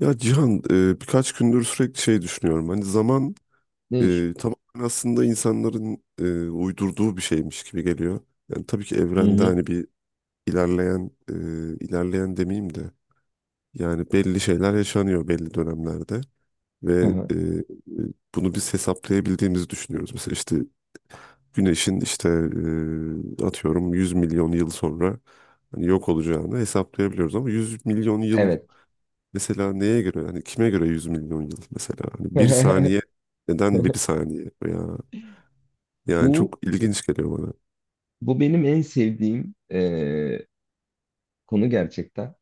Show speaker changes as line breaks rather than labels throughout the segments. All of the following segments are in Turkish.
Ya Cihan, birkaç gündür sürekli şey düşünüyorum. Hani zaman
Ne?
tamamen aslında insanların uydurduğu bir şeymiş gibi geliyor. Yani tabii ki
Hı
evrende
hı.
hani bir ilerleyen ilerleyen demeyeyim de, yani belli şeyler yaşanıyor belli dönemlerde ve bunu biz hesaplayabildiğimizi düşünüyoruz. Mesela işte güneşin, işte, atıyorum 100 milyon yıl sonra hani yok olacağını hesaplayabiliyoruz ama 100 milyon yıl.
Evet.
Mesela neye göre, hani kime göre 100 milyon yıl? Mesela hani bir saniye, neden bir saniye ya? Yani
Bu
çok ilginç geliyor bana.
bu benim en sevdiğim konu gerçekten.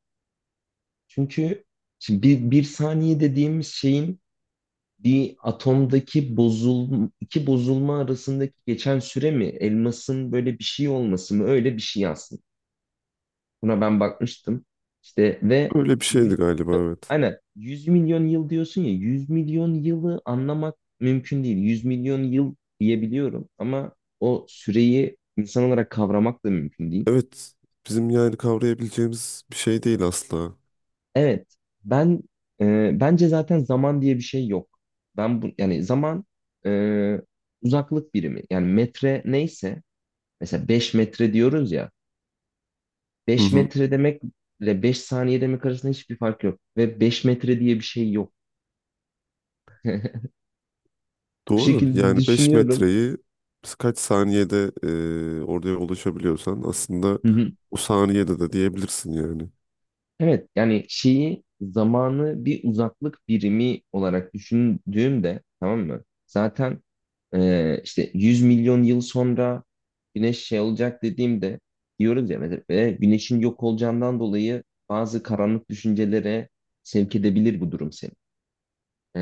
Çünkü şimdi bir saniye dediğimiz şeyin bir atomdaki iki bozulma arasındaki geçen süre mi, elmasın böyle bir şey olması mı, öyle bir şey aslında. Buna ben bakmıştım. İşte ve
Öyle bir şeydi galiba, evet.
aynen 100 milyon yıl diyorsun ya, 100 milyon yılı anlamak mümkün değil. 100 milyon yıl diyebiliyorum ama o süreyi insan olarak kavramak da mümkün değil.
Evet, bizim yani kavrayabileceğimiz bir şey değil asla.
Evet. Ben, bence zaten zaman diye bir şey yok. Ben bu, yani zaman, e, uzaklık birimi, yani metre neyse, mesela 5 metre diyoruz ya,
Hı
5
hı.
metre demekle 5 saniye demek arasında hiçbir fark yok ve 5 metre diye bir şey yok. Bu
Doğru,
şekilde
yani 5
düşünüyorum.
metreyi biz kaç saniyede oraya ulaşabiliyorsan aslında, o saniyede de diyebilirsin yani.
Evet, yani zamanı bir uzaklık birimi olarak düşündüğümde, tamam mı? Zaten, işte 100 milyon yıl sonra güneş şey olacak dediğimde, diyoruz ya mesela, Güneşin yok olacağından dolayı bazı karanlık düşüncelere sevk edebilir bu durum seni. E,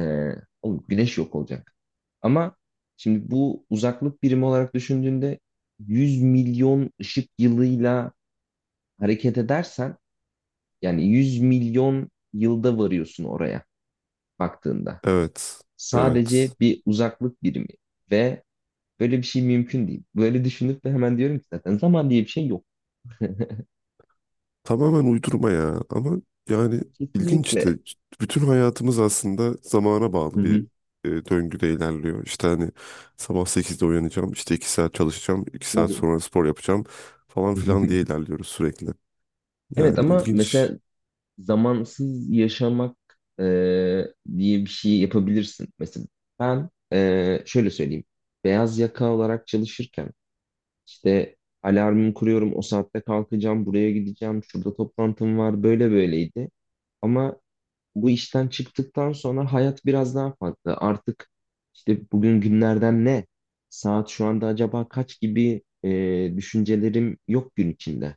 Oğlum, güneş yok olacak." Ama şimdi bu uzaklık birimi olarak düşündüğünde, 100 milyon ışık yılıyla hareket edersen, yani 100 milyon yılda varıyorsun oraya baktığında.
Evet,
Sadece
evet.
bir uzaklık birimi, ve böyle bir şey mümkün değil. Böyle düşünüp de hemen diyorum ki zaten zaman diye bir şey yok.
Tamamen uydurma ya, ama yani ilginç işte,
Kesinlikle.
bütün hayatımız aslında zamana
Hı
bağlı bir
hı.
döngüde ilerliyor. İşte hani sabah 8'de uyanacağım, işte 2 saat çalışacağım, iki saat
Tabii.
sonra spor yapacağım falan filan diye ilerliyoruz sürekli.
Evet,
Yani
ama
ilginç.
mesela zamansız yaşamak e, diye bir şey yapabilirsin. Mesela ben, şöyle söyleyeyim. Beyaz yaka olarak çalışırken, İşte alarmımı kuruyorum, o saatte kalkacağım, buraya gideceğim, şurada toplantım var, böyle böyleydi. Ama bu işten çıktıktan sonra hayat biraz daha farklı. Artık, işte, bugün günlerden ne, saat şu anda acaba kaç gibi düşüncelerim yok gün içinde.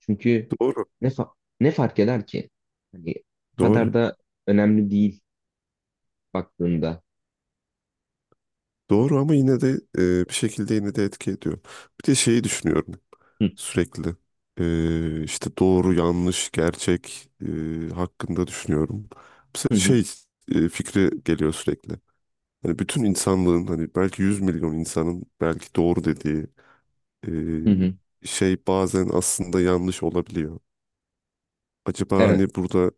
Çünkü
Doğru.
ne, fa- ne fark eder ki? Hani o
Doğru.
kadar da önemli değil baktığında.
Doğru, ama yine de bir şekilde yine de etki ediyor. Bir de şeyi düşünüyorum
Hı
sürekli. İşte doğru, yanlış, gerçek hakkında düşünüyorum.
hı,
Mesela
hı
şey fikri geliyor sürekli. Hani bütün insanlığın, hani belki 100 milyon insanın belki doğru dediği
hı. Hı.
şey bazen aslında yanlış olabiliyor. Acaba
Evet.
hani burada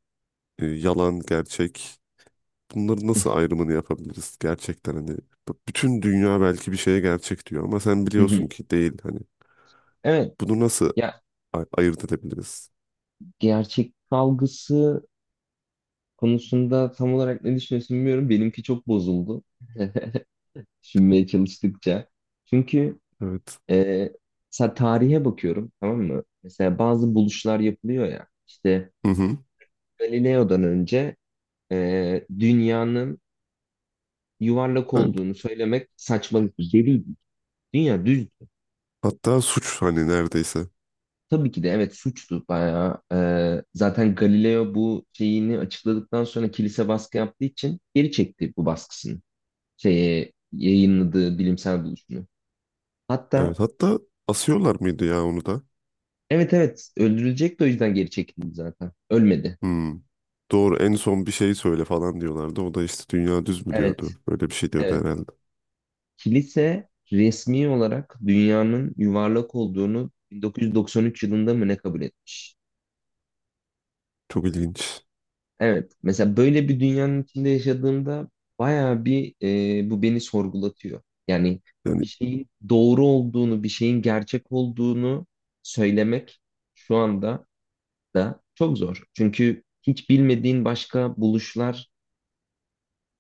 yalan, gerçek, bunların nasıl ayrımını yapabiliriz gerçekten? Hani bütün dünya belki bir şeye gerçek diyor ama sen
Hı hı.
biliyorsun ki değil, hani
Evet.
bunu nasıl
Ya,
ayırt edebiliriz?
gerçek algısı konusunda tam olarak ne düşünüyorsun bilmiyorum. Benimki çok bozuldu. Düşünmeye çalıştıkça. Çünkü
Evet.
e, mesela tarihe bakıyorum, tamam mı? Mesela bazı buluşlar yapılıyor ya. İşte
Hı hı.
Galileo'dan önce dünyanın yuvarlak
Yani
olduğunu söylemek saçmalık. Deliydi. Dünya düzdü.
hatta suç hani, neredeyse.
Tabii ki de, evet, suçtu bayağı. Zaten Galileo bu şeyini açıkladıktan sonra, kilise baskı yaptığı için geri çekti bu baskısını. Şeye, yayınladığı bilimsel buluşunu. Hatta,
Evet, hatta asıyorlar mıydı ya onu da?
evet evet, öldürülecek de o yüzden geri çekildi zaten. Ölmedi.
Hmm. Doğru, en son bir şey söyle falan diyorlardı. O da işte dünya düz mü
Evet
diyordu. Böyle bir şey diyordu
evet.
herhalde.
Kilise resmi olarak dünyanın yuvarlak olduğunu 1993 yılında mı ne kabul etmiş?
Çok ilginç.
Evet. Mesela böyle bir dünyanın içinde yaşadığımda bayağı bir, bu beni sorgulatıyor. Yani
Yani
bir şeyin doğru olduğunu, bir şeyin gerçek olduğunu söylemek şu anda da çok zor. Çünkü hiç bilmediğin başka buluşlar,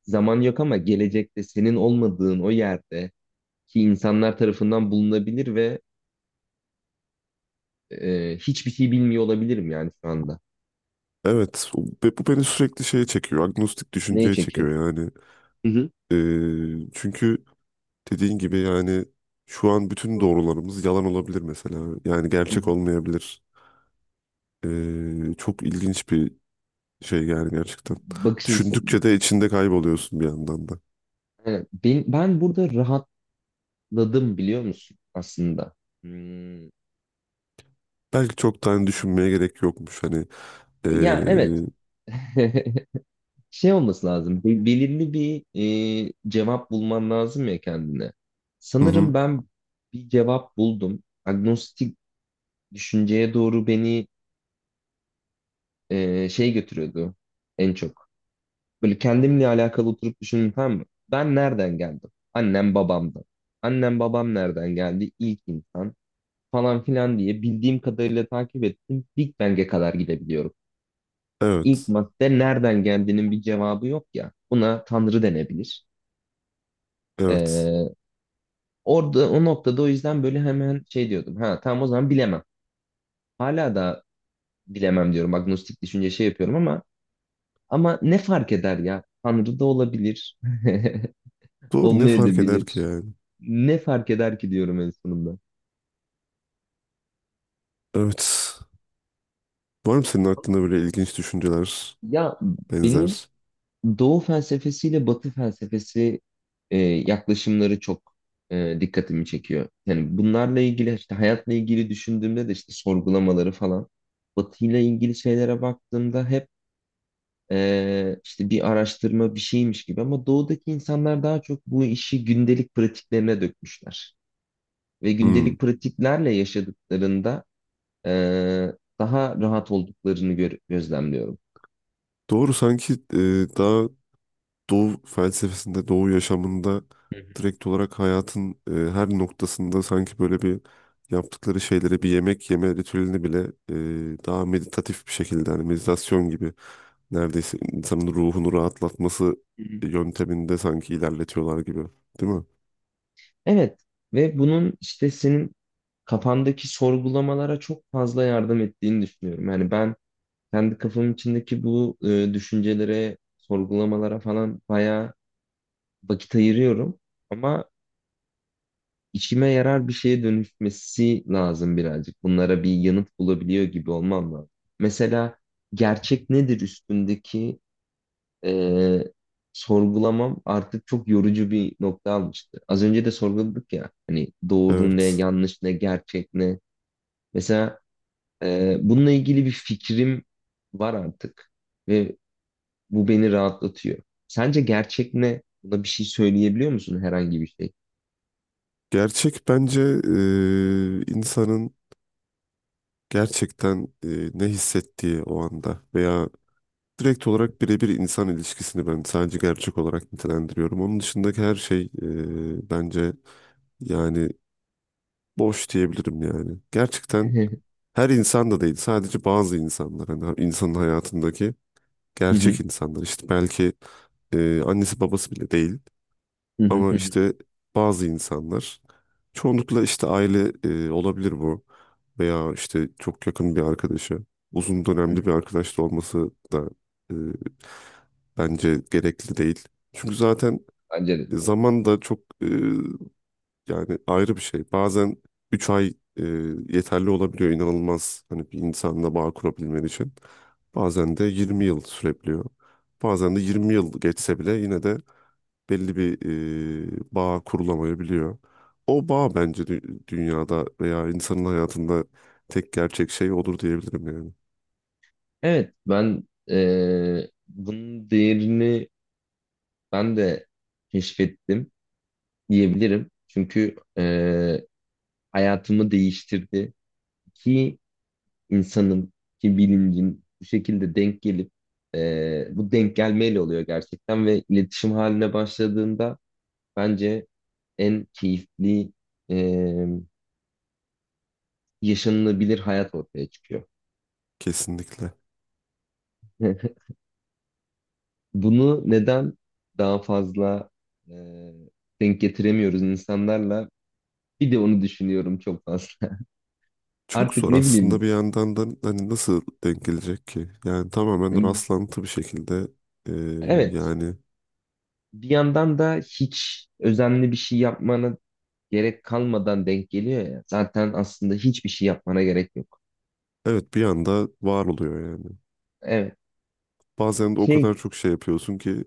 zaman yok ama gelecekte senin olmadığın o yerde ki, insanlar tarafından bulunabilir, ve hiçbir şey bilmiyor olabilirim yani şu anda.
evet, ve bu beni sürekli şeye çekiyor. Agnostik
Neye
düşünceye
çekiyor?
çekiyor yani.
Hı hı.
Çünkü dediğin gibi yani, şu an bütün doğrularımız yalan olabilir mesela. Yani
Hı hı.
gerçek olmayabilir. Çok ilginç bir şey yani, gerçekten.
Bakış açısı.
Düşündükçe de içinde kayboluyorsun bir yandan da.
Aynen. Ben burada rahatladım, biliyor musun aslında? Hmm.
Belki çok tane düşünmeye gerek yokmuş. Hani ee,
Ya, evet. Şey olması lazım. Belirli bir cevap bulman lazım ya kendine.
hı hı,
Sanırım ben bir cevap buldum. Agnostik düşünceye doğru beni şey götürüyordu en çok. Böyle kendimle alakalı oturup düşündüm, tamam mı? Ben nereden geldim? Annem babamdan. Annem babam nereden geldi? İlk insan falan filan diye, bildiğim kadarıyla takip ettim. Big Bang'e kadar gidebiliyorum. İlk
evet.
madde nereden geldiğinin bir cevabı yok ya. Buna Tanrı denebilir.
Evet.
Ee, Orada, o noktada, o yüzden böyle hemen şey diyordum. Ha, tamam, o zaman bilemem. Hala da bilemem diyorum. Agnostik düşünce şey yapıyorum, ama ne fark eder ya? Tanrı da olabilir.
Doğru, ne fark eder ki
Olmayabilir.
yani?
Ne fark eder ki diyorum en sonunda.
Evet. Var mı senin aklında böyle ilginç düşünceler,
Ya, benim
benzer?
Doğu felsefesiyle Batı felsefesi, yaklaşımları çok dikkatimi çekiyor. Yani bunlarla ilgili, işte, hayatla ilgili düşündüğümde de, işte, sorgulamaları falan. Batı'yla ilgili şeylere baktığımda hep, işte, bir araştırma bir şeymiş gibi, ama doğudaki insanlar daha çok bu işi gündelik pratiklerine dökmüşler. Ve
Hmm.
gündelik pratiklerle yaşadıklarında, e, daha rahat olduklarını gözlemliyorum.
Doğru, sanki daha Doğu felsefesinde, Doğu yaşamında direkt olarak hayatın her noktasında, sanki böyle bir, yaptıkları şeyleri, bir yemek yeme ritüelini bile daha meditatif bir şekilde, hani meditasyon gibi neredeyse, insanın ruhunu rahatlatması
Hı hı.
yönteminde sanki ilerletiyorlar gibi. Değil mi?
Evet, ve bunun işte senin kafandaki sorgulamalara çok fazla yardım ettiğini düşünüyorum. Yani ben, kendi kafamın içindeki bu düşüncelere, sorgulamalara falan bayağı vakit ayırıyorum. Ama işime yarar bir şeye dönüşmesi lazım birazcık. Bunlara bir yanıt bulabiliyor gibi olmam lazım. Mesela gerçek nedir üstündeki e, sorgulamam artık çok yorucu bir nokta almıştı. Az önce de sorguladık ya hani, doğru ne,
Evet.
yanlış ne, gerçek ne. Mesela bununla ilgili bir fikrim var artık, ve bu beni rahatlatıyor. Sence gerçek ne? Buna bir şey söyleyebiliyor musun, herhangi bir şey?
Gerçek bence insanın gerçekten ne hissettiği o anda, veya direkt olarak birebir insan ilişkisini ben sadece gerçek olarak nitelendiriyorum. Onun dışındaki her şey bence yani boş diyebilirim yani. Gerçekten her insan da değil, sadece bazı insanlar, hani insanın hayatındaki
Hı
gerçek
hı,
insanlar, işte belki annesi babası bile değil.
hı hı,
Ama
hı hı,
işte bazı insanlar, çoğunlukla işte aile olabilir bu, veya işte çok yakın bir arkadaşı, uzun
hı
dönemli
hı.
bir arkadaş da olması da e, bence gerekli değil. Çünkü zaten
Bence de.
zaman da çok yani ayrı bir şey. Bazen 3 ay yeterli olabiliyor inanılmaz, hani bir insanla bağ kurabilmen için. Bazen de 20 yıl sürebiliyor. Bazen de 20 yıl geçse bile yine de belli bir bağ kurulamayabiliyor. O bağ bence dünyada veya insanın hayatında tek gerçek şey odur diyebilirim yani.
Evet, ben bunun değerini ben de keşfettim diyebilirim. Çünkü hayatımı değiştirdi. Ki insanın, ki bilincin bu şekilde denk gelip, bu denk gelmeyle oluyor gerçekten, ve iletişim haline başladığında bence en keyifli, e, yaşanılabilir hayat ortaya çıkıyor.
Kesinlikle.
Bunu neden daha fazla e, denk getiremiyoruz insanlarla? Bir de onu düşünüyorum çok fazla.
Çok
Artık
zor
ne
aslında
bileyim.
bir yandan da, hani nasıl denk gelecek ki? Yani tamamen rastlantı bir şekilde
Evet.
yani,
Bir yandan da hiç özenli bir şey yapmana gerek kalmadan denk geliyor ya. Zaten aslında hiçbir şey yapmana gerek yok.
evet, bir anda var oluyor yani.
Evet.
Bazen de o
Şey,
kadar çok şey yapıyorsun ki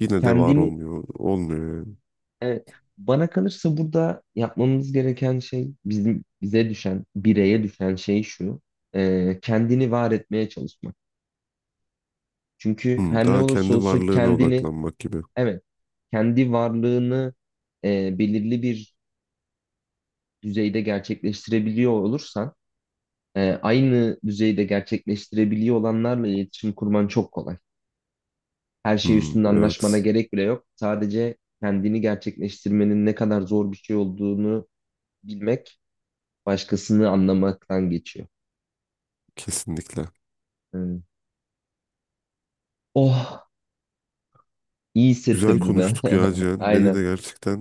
yine de var
kendini,
olmuyor. Olmuyor yani.
evet, bana kalırsa burada yapmamız gereken şey, bizim, bize düşen, bireye düşen şey şu. Kendini var etmeye çalışmak. Çünkü
Hmm,
her ne
daha
olursa
kendi
olsun
varlığına
kendini,
odaklanmak gibi.
evet, kendi varlığını belirli bir düzeyde gerçekleştirebiliyor olursan, aynı düzeyde gerçekleştirebiliyor olanlarla iletişim kurman çok kolay. Her şey
Hmm,
üstünde anlaşmana
evet,
gerek bile yok. Sadece kendini gerçekleştirmenin ne kadar zor bir şey olduğunu bilmek, başkasını anlamaktan geçiyor.
kesinlikle.
Hmm. Oh, iyi
Güzel
hissettirdi be.
konuştuk ya Cihan. Beni
Aynen.
de gerçekten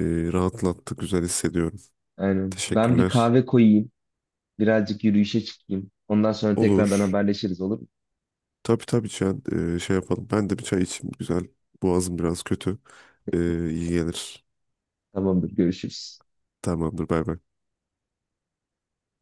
e, rahatlattı. Güzel hissediyorum.
Aynen. Ben bir
Teşekkürler.
kahve koyayım, birazcık yürüyüşe çıkayım. Ondan sonra tekrardan
Olur.
haberleşiriz, olur mu?
Tabii tabii Cihan. Şey yapalım. Ben de bir çay içeyim. Güzel. Boğazım biraz kötü. E, iyi gelir.
Tamamdır, görüşürüz.
Tamamdır. Bay bay.